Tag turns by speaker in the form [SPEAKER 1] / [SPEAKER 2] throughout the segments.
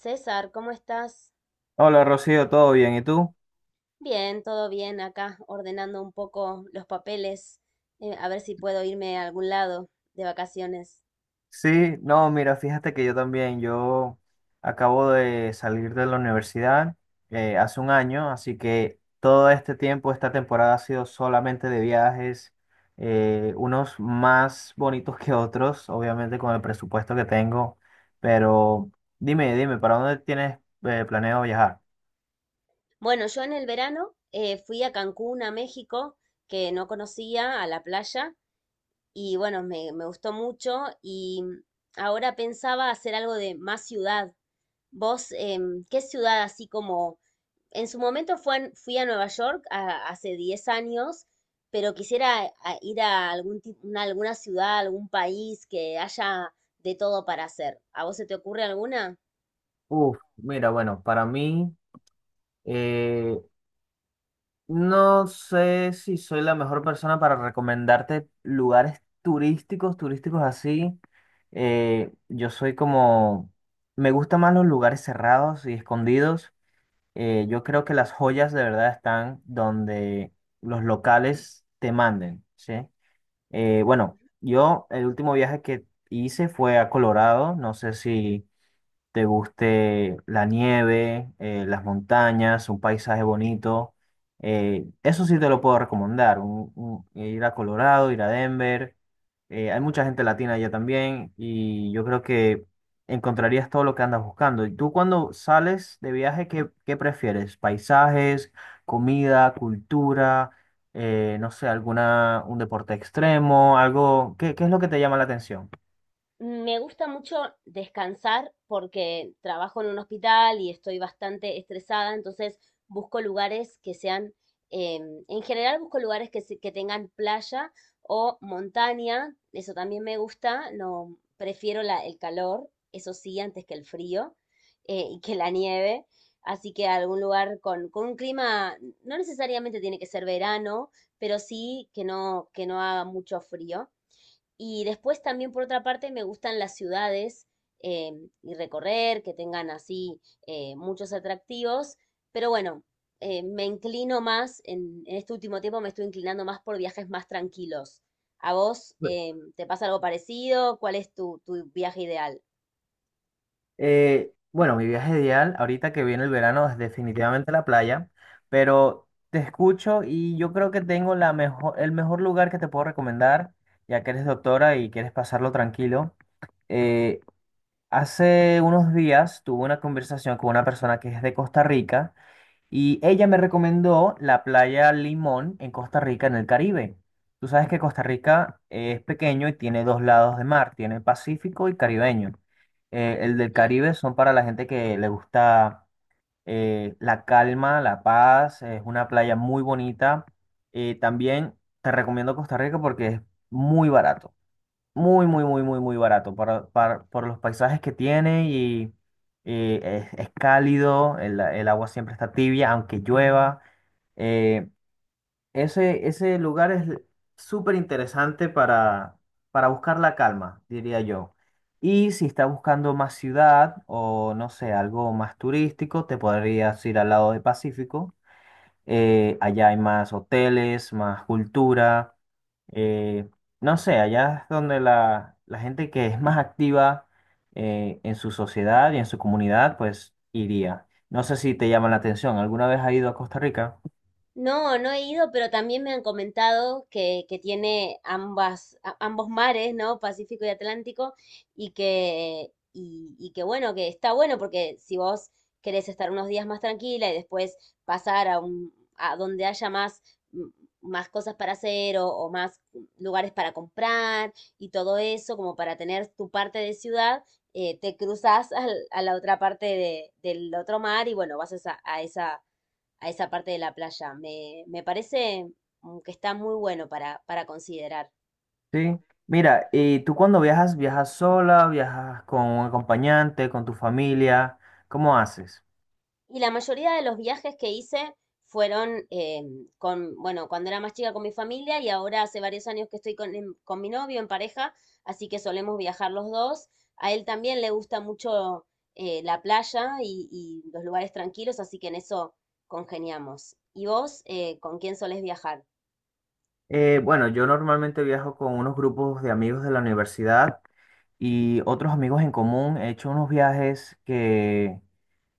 [SPEAKER 1] César, ¿cómo estás?
[SPEAKER 2] Hola Rocío, ¿todo bien? ¿Y tú?
[SPEAKER 1] Bien, todo bien acá, ordenando un poco los papeles, a ver si puedo irme a algún lado de vacaciones.
[SPEAKER 2] Sí, no, mira, fíjate que yo también, yo acabo de salir de la universidad hace un año, así que todo este tiempo, esta temporada ha sido solamente de viajes, unos más bonitos que otros, obviamente con el presupuesto que tengo, pero dime, ¿para dónde tienes planeado viajar?
[SPEAKER 1] Bueno, yo en el verano fui a Cancún, a México, que no conocía, a la playa, y bueno, me gustó mucho y ahora pensaba hacer algo de más ciudad. ¿Vos, qué ciudad así como en su momento fui a Nueva York hace 10 años, pero quisiera ir a alguna ciudad, algún país que haya de todo para hacer? ¿A vos se te ocurre alguna?
[SPEAKER 2] Uf, mira, bueno, para mí no sé si soy la mejor persona para recomendarte lugares turísticos, turísticos así. Yo soy como, me gustan más los lugares cerrados y escondidos. Yo creo que las joyas de verdad están donde los locales te manden, ¿sí? Bueno, yo el último viaje que hice fue a Colorado. No sé si te guste la nieve, las montañas, un paisaje bonito. Eso sí te lo puedo recomendar, ir a Colorado, ir a Denver. Hay mucha gente latina allá también y yo creo que encontrarías todo lo que andas buscando. ¿Y tú cuando sales de viaje, qué prefieres? ¿Paisajes, comida, cultura? No sé, un deporte extremo, algo, qué es lo que te llama la atención?
[SPEAKER 1] Me gusta mucho descansar porque trabajo en un hospital y estoy bastante estresada, entonces busco lugares que sean, en general busco lugares que tengan playa o montaña, eso también me gusta, no prefiero el calor, eso sí, antes que el frío y que la nieve, así que algún lugar con un clima, no necesariamente tiene que ser verano, pero sí que no haga mucho frío. Y después también, por otra parte, me gustan las ciudades eh, y recorrer, que tengan así muchos atractivos. Pero bueno, me inclino más, en este último tiempo me estoy inclinando más por viajes más tranquilos. ¿A vos te pasa algo parecido? ¿Cuál es tu viaje ideal?
[SPEAKER 2] Bueno, mi viaje ideal, ahorita que viene el verano, es definitivamente la playa, pero te escucho y yo creo que tengo el mejor lugar que te puedo recomendar, ya que eres doctora y quieres pasarlo tranquilo. Eh, Hace unos días tuve una conversación con una persona que es de Costa Rica y ella me recomendó la playa Limón en Costa Rica, en el Caribe. Tú sabes que Costa Rica es pequeño y tiene dos lados de mar, tiene Pacífico y Caribeño. El del Caribe son para la gente que le gusta la calma, la paz, es una playa muy bonita. También te recomiendo Costa Rica porque es muy barato. Muy, muy, muy, muy, muy barato para, por los paisajes que tiene y es cálido, el agua siempre está tibia, aunque llueva. Eh, Ese lugar es súper interesante para buscar la calma, diría yo. Y si estás buscando más ciudad o no sé, algo más turístico, te podrías ir al lado del Pacífico allá hay más hoteles, más cultura. eh, no sé, allá es donde la gente que es más activa en su sociedad y en su comunidad, pues iría. No sé si te llama la atención. ¿Alguna vez has ido a Costa Rica?
[SPEAKER 1] No, no he ido, pero también me han comentado que tiene ambas, ambos mares, ¿no? Pacífico y Atlántico, y que bueno, que está bueno, porque si vos querés estar unos días más tranquila y después pasar a un, a donde haya más, mm, más cosas para hacer o más lugares para comprar y todo eso, como para tener tu parte de ciudad, te cruzas a la otra parte del otro mar y bueno, vas a esa, a esa a esa parte de la playa. Me parece que está muy bueno para considerar.
[SPEAKER 2] Sí. Mira, ¿y tú cuando viajas, viajas sola, viajas con un acompañante, con tu familia? ¿Cómo haces?
[SPEAKER 1] Y la mayoría de los viajes que hice fueron bueno, cuando era más chica con mi familia y ahora hace varios años que estoy con mi novio en pareja, así que solemos viajar los dos. A él también le gusta mucho la playa y los lugares tranquilos, así que en eso congeniamos. ¿Y vos, con quién solés viajar?
[SPEAKER 2] Bueno, yo normalmente viajo con unos grupos de amigos de la universidad y otros amigos en común. He hecho unos viajes que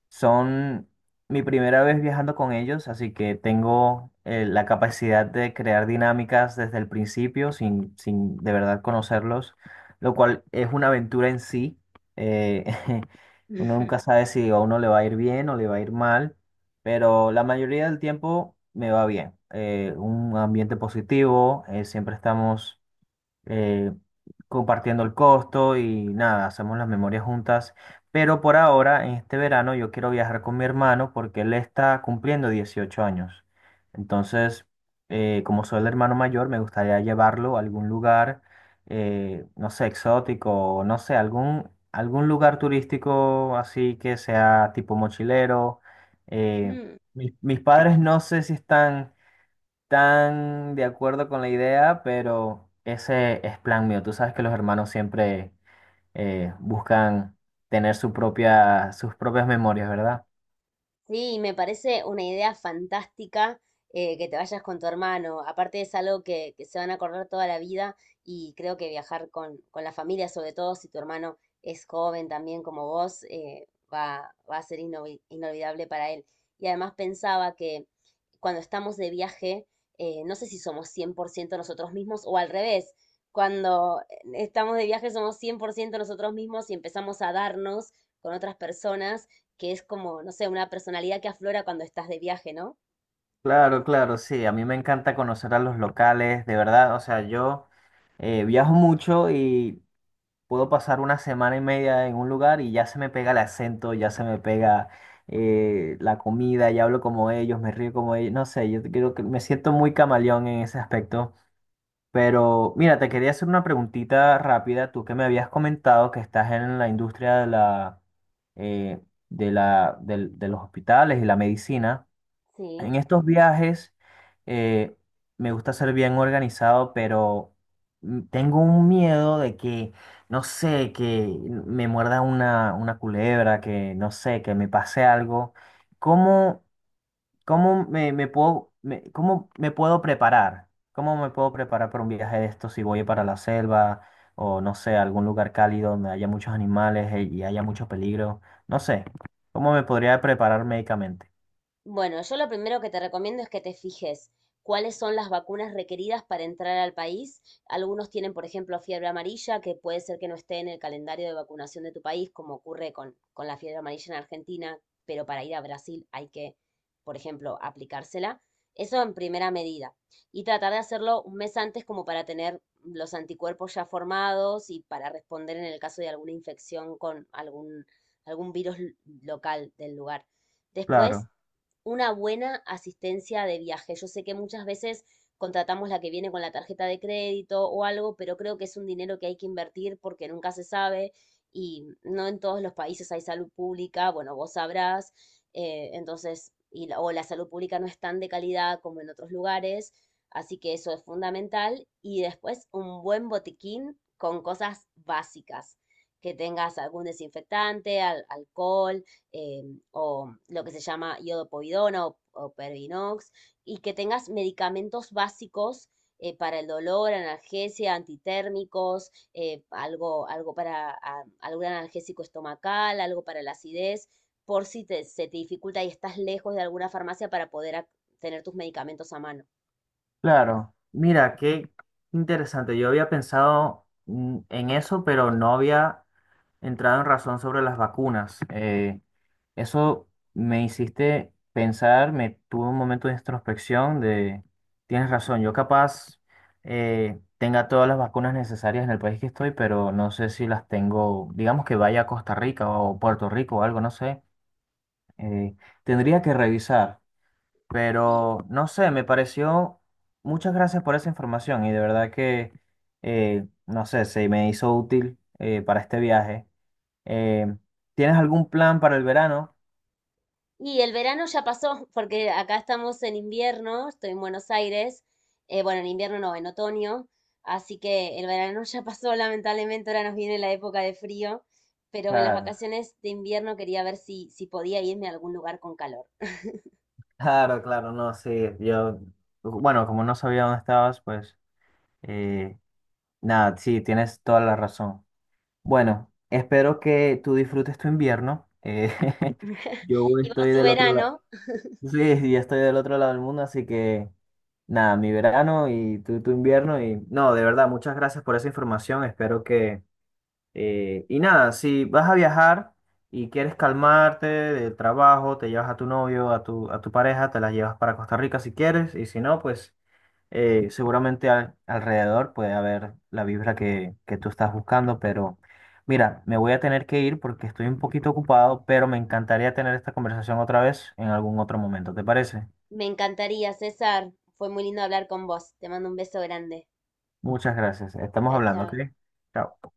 [SPEAKER 2] son mi primera vez viajando con ellos, así que tengo la capacidad de crear dinámicas desde el principio sin de verdad conocerlos, lo cual es una aventura en sí. Eh, uno nunca sabe si a uno le va a ir bien o le va a ir mal, pero la mayoría del tiempo me va bien. Un ambiente positivo, siempre estamos eh, compartiendo el costo y nada, hacemos las memorias juntas. Pero por ahora, en este verano, yo quiero viajar con mi hermano porque él está cumpliendo 18 años. Entonces, como soy el hermano mayor, me gustaría llevarlo a algún lugar, no sé, exótico, o no sé, algún lugar turístico así que sea tipo mochilero. Eh,
[SPEAKER 1] Mm.
[SPEAKER 2] Mis padres no sé si están tan de acuerdo con la idea, pero ese es plan mío. Tú sabes que los hermanos siempre buscan tener sus propias memorias, ¿verdad?
[SPEAKER 1] Sí, me parece una idea fantástica que te vayas con tu hermano. Aparte es algo que se van a acordar toda la vida y creo que viajar con la familia, sobre todo si tu hermano es joven también como vos, va a ser inolvidable para él. Y además pensaba que cuando estamos de viaje, no sé si somos 100% nosotros mismos o al revés. Cuando estamos de viaje somos 100% nosotros mismos y empezamos a darnos con otras personas que es como, no sé, una personalidad que aflora cuando estás de viaje, ¿no?
[SPEAKER 2] Claro, claro, sí. A mí me encanta conocer a los locales, de verdad. O sea, yo viajo mucho y puedo pasar una semana y media en un lugar y ya se me pega el acento, ya se me pega la comida, ya hablo como ellos, me río como ellos. No sé, yo creo que me siento muy camaleón en ese aspecto. Pero mira, te quería hacer una preguntita rápida. Tú que me habías comentado que estás en la industria de eh, de la, de los hospitales y la medicina.
[SPEAKER 1] Sí.
[SPEAKER 2] En estos viajes eh, me gusta ser bien organizado, pero tengo un miedo de que, no sé, que me muerda una culebra, que no sé, que me pase algo. ¿Cómo? ¿Cómo cómo me puedo preparar? ¿Cómo me puedo preparar para un viaje de estos si voy para la selva o no sé, algún lugar cálido donde haya muchos animales y haya mucho peligro? No sé, ¿cómo me podría preparar médicamente?
[SPEAKER 1] Bueno, yo lo primero que te recomiendo es que te fijes cuáles son las vacunas requeridas para entrar al país. Algunos tienen, por ejemplo, fiebre amarilla, que puede ser que no esté en el calendario de vacunación de tu país, como ocurre con la fiebre amarilla en Argentina, pero para ir a Brasil por ejemplo, aplicársela. Eso en primera medida. Y tratar de hacerlo un mes antes como para tener los anticuerpos ya formados y para responder en el caso de alguna infección con algún local del lugar. Después,
[SPEAKER 2] Claro,
[SPEAKER 1] una buena asistencia de viaje. Yo sé que muchas veces contratamos la que viene con la tarjeta de crédito o algo, pero creo que es un dinero que hay que invertir porque nunca se sabe y no en todos los países hay salud pública, bueno, vos sabrás, entonces, o la salud pública no es tan de calidad como en otros lugares, así que eso es fundamental. Y después un buen botiquín con cosas básicas, que tengas algún desinfectante, alcohol, eh, o lo que se llama iodopovidona o pervinox, y que tengas medicamentos básicos para el dolor, analgesia, antitérmicos, algo para algún analgésico estomacal, algo para la acidez, por si se te dificulta y estás lejos de alguna farmacia para poder tener tus medicamentos a mano.
[SPEAKER 2] claro. Mira, qué interesante. Yo había pensado en eso, pero no había entrado en razón sobre las vacunas. Eso me hiciste pensar, me tuvo un momento de introspección de, tienes razón, yo capaz tenga todas las vacunas necesarias en el país que estoy, pero no sé si las tengo, digamos que vaya a Costa Rica o Puerto Rico o algo, no sé. eh, Tendría que revisar,
[SPEAKER 1] Sí.
[SPEAKER 2] pero no sé, me pareció, muchas gracias por esa información y de verdad que, no sé, se me hizo útil para este viaje. Eh, ¿Tienes algún plan para el verano?
[SPEAKER 1] Y el verano ya pasó, porque acá estamos en invierno, estoy en Buenos Aires, bueno, en invierno no, en otoño, así que el verano ya pasó, lamentablemente ahora nos viene la época de frío, pero en las
[SPEAKER 2] Claro.
[SPEAKER 1] vacaciones de invierno quería ver si, si podía irme a algún lugar con calor.
[SPEAKER 2] Claro, claro, no, sí, yo, bueno, como no sabía dónde estabas, pues, eh, nada, sí, tienes toda la razón. Bueno, espero que tú disfrutes tu invierno. Yo
[SPEAKER 1] Y vos
[SPEAKER 2] estoy
[SPEAKER 1] tu
[SPEAKER 2] del otro lado,
[SPEAKER 1] verano,
[SPEAKER 2] sí, sí, yo estoy del otro lado del mundo, así que nada, mi verano y tú tu invierno y no, de verdad, muchas gracias por esa información. Espero que y nada, si vas a viajar y quieres calmarte del trabajo, te llevas a tu novio, a a tu pareja, te la llevas para Costa Rica si quieres, y si no, pues seguramente alrededor puede haber la vibra que tú estás buscando, pero mira, me voy a tener que ir porque estoy un poquito ocupado, pero me encantaría tener esta conversación otra vez en algún otro momento, ¿te parece?
[SPEAKER 1] me encantaría, César, fue muy lindo hablar con vos, te mando un beso grande.
[SPEAKER 2] Muchas gracias, estamos
[SPEAKER 1] Chao,
[SPEAKER 2] hablando, ¿ok?
[SPEAKER 1] chao.
[SPEAKER 2] Chao.